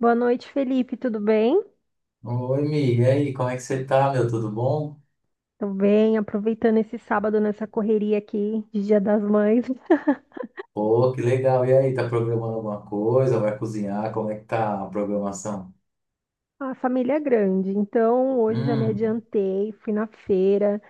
Boa noite, Felipe. Tudo bem? Oi, Mi, e aí, como é que você tá, meu? Tudo bom? Tudo bem, aproveitando esse sábado nessa correria aqui de Dia das Mães. Pô, que legal. E aí, tá programando alguma coisa? Vai cozinhar? Como é que tá a programação? A família é grande, então hoje eu já me Hum, adiantei, fui na feira,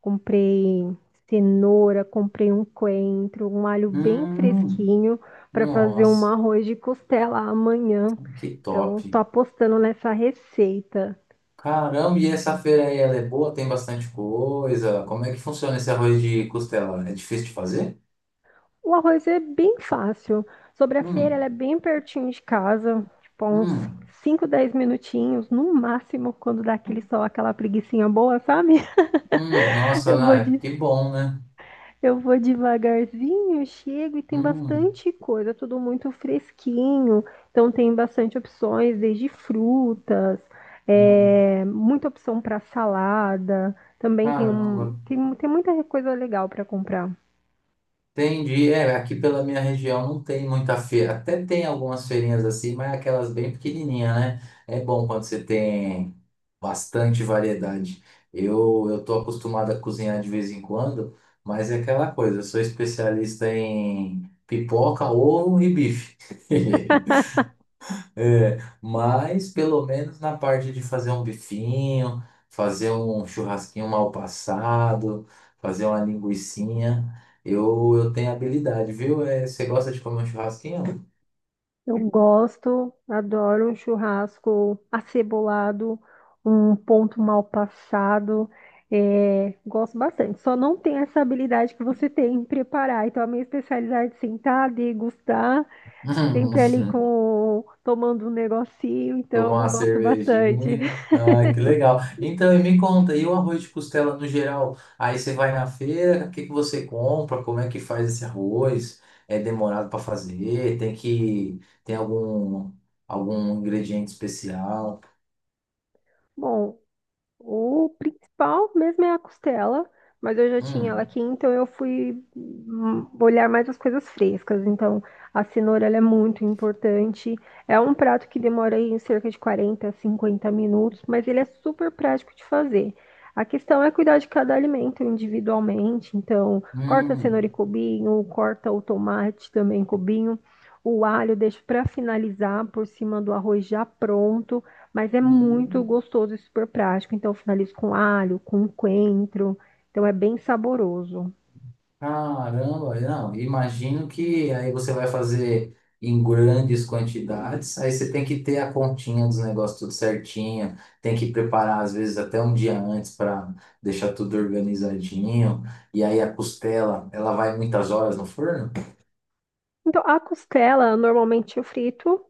comprei cenoura, comprei um coentro, um alho bem hum, fresquinho para fazer um nossa, arroz de costela amanhã. que top. Então, tô apostando nessa receita. Caramba, e essa feira aí, ela é boa? Tem bastante coisa? Como é que funciona esse arroz de costela? É difícil de fazer? O arroz é bem fácil. Sobre a feira, ela Hum, é bem pertinho de casa, tipo uns hum, 5, 10 minutinhos, no máximo, quando dá aquele sol, aquela preguicinha boa, sabe? Nossa, Eu vou Ana, de, que bom, né? eu vou devagarzinho, chego e tem Hum, bastante coisa, tudo muito fresquinho. Então tem bastante opções, desde frutas, não, muita opção para salada. Também tem, caramba. um, tem, tem muita coisa legal para comprar. Entendi. É, aqui pela minha região não tem muita feira. Até tem algumas feirinhas assim, mas aquelas bem pequenininhas, né? É bom quando você tem bastante variedade. Eu tô acostumado a cozinhar de vez em quando, mas é aquela coisa, eu sou especialista em pipoca, ovo e bife. É, mas pelo menos na parte de fazer um bifinho, fazer um churrasquinho mal passado, fazer uma linguicinha, eu tenho habilidade, viu? É, você gosta de comer um churrasquinho? Eu gosto, adoro um churrasco acebolado, um ponto mal passado. Gosto bastante. Só não tenho essa habilidade que você tem em preparar. Então, a minha especialidade é sentar, degustar, Hum. sempre ali com tomando um negocinho. Tomar Então, uma gosto bastante. cervejinha. Ah, que legal. Então, e me conta, e o arroz de costela no geral? Aí você vai na feira, o que que você compra? Como é que faz esse arroz? É demorado para fazer? Tem que tem algum ingrediente especial? Bom, o principal mesmo é a costela, mas eu já tinha ela Hum, aqui, então eu fui olhar mais as coisas frescas. Então, a cenoura ela é muito importante. É um prato que demora aí cerca de 40, 50 minutos, mas ele é super prático de fazer. A questão é cuidar de cada alimento individualmente. Então, corta a cenoura em hum, cubinho, corta o tomate também em cubinho. O alho deixo para finalizar por cima do arroz já pronto. Mas é muito hum. gostoso e super prático. Então, eu finalizo com alho, com coentro. Então, é bem saboroso. Caramba, não, imagino que aí você vai fazer em grandes quantidades, aí você tem que ter a continha dos negócios tudo certinho, tem que preparar às vezes até um dia antes para deixar tudo organizadinho, e aí a costela, ela vai muitas horas no forno? Então, a costela, normalmente eu frito,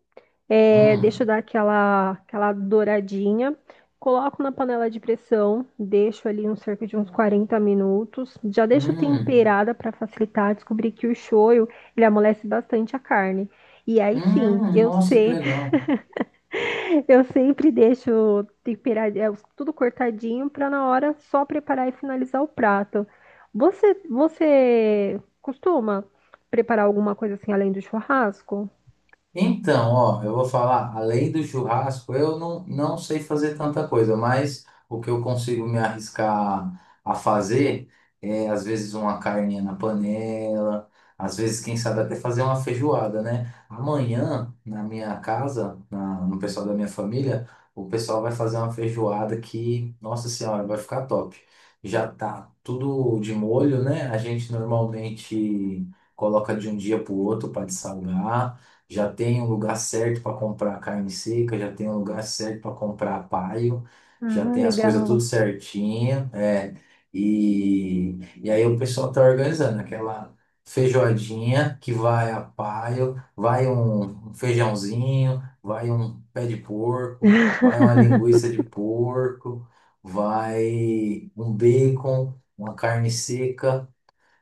deixo Hum, dar aquela douradinha, coloco na panela de pressão, deixo ali uns cerca de uns 40 minutos, já deixo hum, temperada para facilitar. Descobri que o shoyu, ele amolece bastante a carne. E aí sim, eu nossa, que sei legal. Eu sempre deixo temperar, tudo cortadinho para na hora só preparar e finalizar o prato. Você costuma preparar alguma coisa assim além do churrasco? Então, ó, eu vou falar, além do churrasco, eu não, não sei fazer tanta coisa, mas o que eu consigo me arriscar a fazer é, às vezes, uma carninha na panela, às vezes, quem sabe, até fazer uma feijoada, né? Amanhã, na minha casa, no pessoal da minha família, o pessoal vai fazer uma feijoada que, nossa senhora, vai ficar top. Já tá tudo de molho, né? A gente normalmente coloca de um dia pro outro para dessalgar. Já tem um lugar certo para comprar carne seca, já tem um lugar certo para comprar paio, já Ah, tem as coisas tudo legal. certinho, é. E aí o pessoal tá organizando aquela feijoadinha que vai a paio, vai um feijãozinho, vai um pé de porco, vai uma linguiça de porco, vai um bacon, uma carne seca,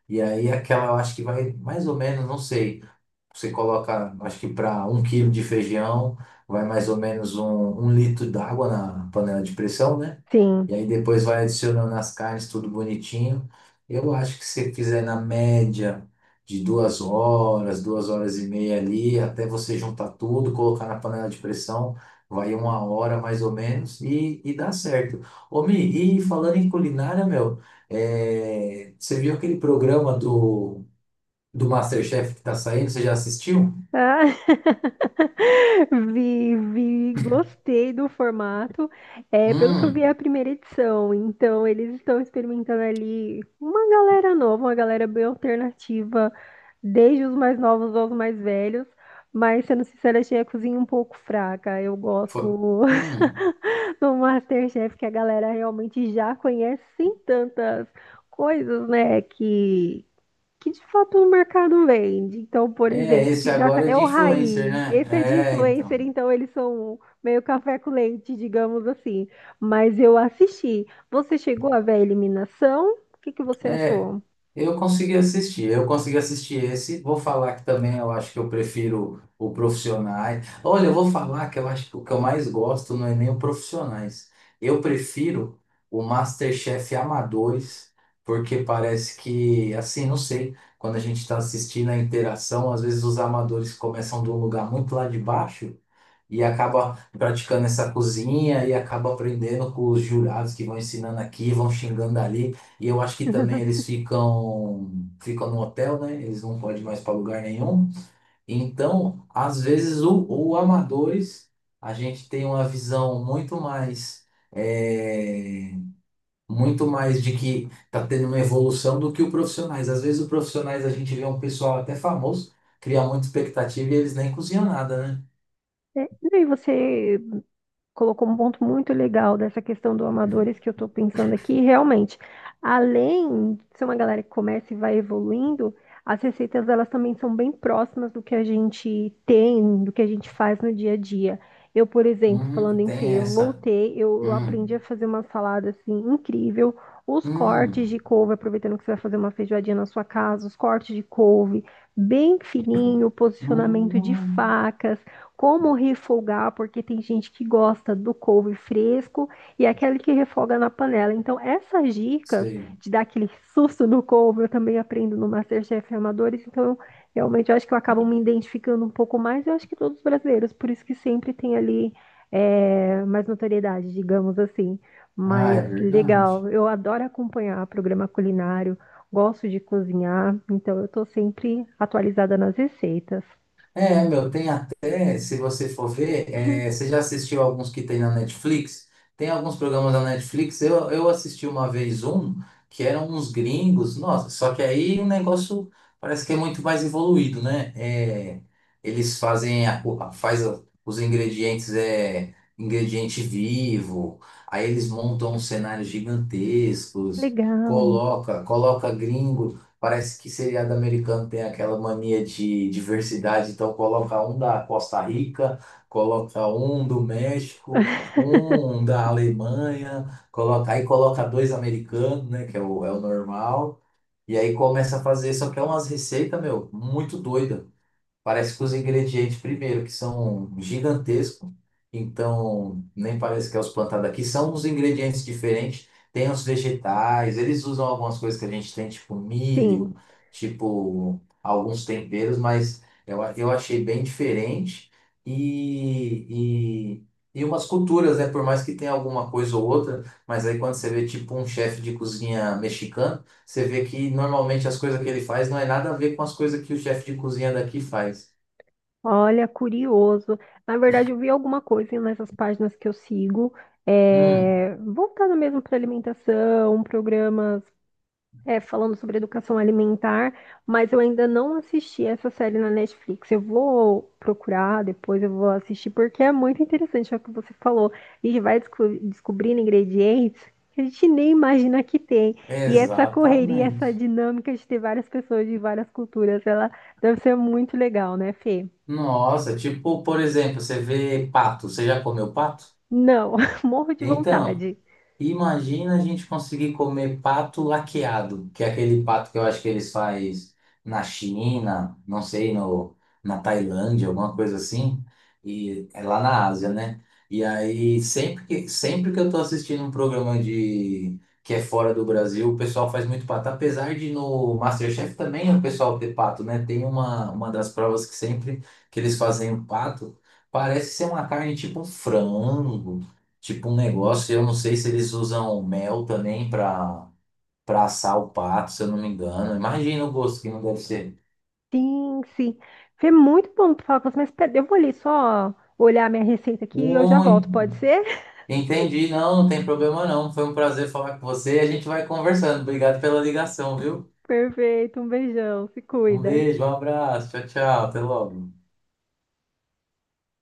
e aí aquela eu acho que vai mais ou menos, não sei. Você coloca, acho que para um quilo de feijão, vai mais ou menos um litro d'água na panela de pressão, né? E Sim. aí depois vai adicionando as carnes, tudo bonitinho. Eu acho que se fizer na média de 2 horas, 2 horas e meia ali, até você juntar tudo, colocar na panela de pressão, vai uma hora mais ou menos e dá certo. Ô, Mi, e falando em culinária, meu, é, você viu aquele programa do MasterChef que tá saindo? Você já assistiu? Ah, vi, vi, gostei do formato. É, pelo que eu vi, é a Hum, primeira edição. Então, eles estão experimentando ali uma galera nova, uma galera bem alternativa, desde os mais novos aos mais velhos. Mas, sendo sincera, achei a cozinha um pouco fraca. Eu gosto foi. Hum, do MasterChef, que a galera realmente já conhece sem tantas coisas, né, que de fato o mercado vende. Então, por é, exemplo, esse que já agora é é de o influencer, raiz. né? Esse é de É, influencer, então. então eles são meio café com leite, digamos assim. Mas eu assisti. Você chegou a ver a eliminação? O que que você É, achou? eu consegui assistir esse. Vou falar que também eu acho que eu prefiro o Profissionais. Olha, eu vou falar que eu acho que o que eu mais gosto não é nem o Profissionais. Eu prefiro o MasterChef Amadores, porque parece que, assim, não sei, quando a gente está assistindo a interação, às vezes os amadores começam de um lugar muito lá de baixo. E acaba praticando essa cozinha e acaba aprendendo com os jurados que vão ensinando aqui, vão xingando ali. E eu acho que também eles ficam no hotel, né? Eles não podem mais para lugar nenhum. Então, às vezes o amadores a gente tem uma visão é, muito mais de que tá tendo uma evolução do que o profissionais. Às vezes o profissionais a gente vê um pessoal até famoso, cria muita expectativa e eles nem cozinham nada, né? É, e aí você colocou um ponto muito legal dessa questão do amadores que eu estou pensando aqui. E, realmente, além de ser uma galera que começa e vai evoluindo, as receitas elas também são bem próximas do que a gente tem, do que a gente faz no dia a dia. Eu, por exemplo, falando em Tem feira, eu essa. voltei, eu aprendi Hum, a fazer uma salada assim incrível. Os hum, cortes de couve, aproveitando que você vai fazer uma feijoadinha na sua casa, os cortes de couve bem fininho, hum, hum, posicionamento de hum. faca, como refogar, porque tem gente que gosta do couve fresco e aquele que refoga na panela. Então, essas dicas Sei. de dar aquele susto no couve, eu também aprendo no MasterChef Amadores. Então, eu, realmente, eu acho que eu acabo me identificando um pouco mais. Eu acho que todos os brasileiros, por isso que sempre tem ali mais notoriedade, digamos assim. Ah, é Mas verdade. legal, eu adoro acompanhar programa culinário, gosto de cozinhar, então eu estou sempre atualizada nas receitas. É, meu, tem até, se você for ver, você já assistiu alguns que tem na Netflix? Tem alguns programas da Netflix, eu assisti uma vez um, que eram uns gringos, nossa, só que aí o negócio parece que é muito mais evoluído, né? É, eles fazem a, o- a- faz a- os ingredientes, ingrediente vivo, aí eles montam uns cenários gigantescos, Legal. coloca gringo. Parece que seriado americano tem aquela mania de diversidade, então coloca um da Costa Rica, coloca um do México, um da Alemanha, aí coloca dois americanos, né, que é o normal, e aí começa a fazer, só que é umas receitas, meu, muito doida. Parece que os ingredientes, primeiro, que são gigantescos, então nem parece que é os plantados aqui, são uns ingredientes diferentes. Tem os vegetais, eles usam algumas coisas que a gente tem, tipo Sim, milho, tipo alguns temperos, mas eu achei bem diferente. E, e, e umas culturas, né? Por mais que tenha alguma coisa ou outra, mas aí quando você vê, tipo, um chefe de cozinha mexicano. Você vê que normalmente as coisas que ele faz não é nada a ver com as coisas que o chefe de cozinha daqui faz. olha, curioso. Na verdade, eu vi alguma coisa nessas páginas que eu sigo, Hum, voltando mesmo para alimentação, programas, falando sobre educação alimentar, mas eu ainda não assisti essa série na Netflix. Eu vou procurar, depois eu vou assistir, porque é muito interessante é o que você falou. A gente vai descobrindo ingredientes que a gente nem imagina que tem. E essa correria, essa exatamente. dinâmica de ter várias pessoas de várias culturas, ela deve ser muito legal, né, Fê? Nossa, tipo, por exemplo, você vê pato. Você já comeu pato? Não, morro de Então. vontade. Imagina a gente conseguir comer pato laqueado, que é aquele pato que eu acho que eles faz na China, não sei, no, na Tailândia, alguma coisa assim, e é lá na Ásia, né? E aí, sempre que eu tô assistindo um programa de que é fora do Brasil, o pessoal faz muito pato. Apesar de no MasterChef também o pessoal ter pato, né? Tem uma das provas que sempre que eles fazem o pato, parece ser uma carne tipo um frango, tipo um negócio, eu não sei se eles usam mel também para assar o pato, se eu não me engano. Imagina o gosto que não deve ser. Sim, sim. Foi muito bom tu falar com você, mas pera, eu vou ali só olhar minha receita aqui e eu já Ui, volto, pode ser? entendi, não, não tem problema não. Foi um prazer falar com você e a gente vai conversando. Obrigado pela ligação, viu? Perfeito, um beijão, se Um cuida. beijo, um abraço, tchau, tchau, até logo.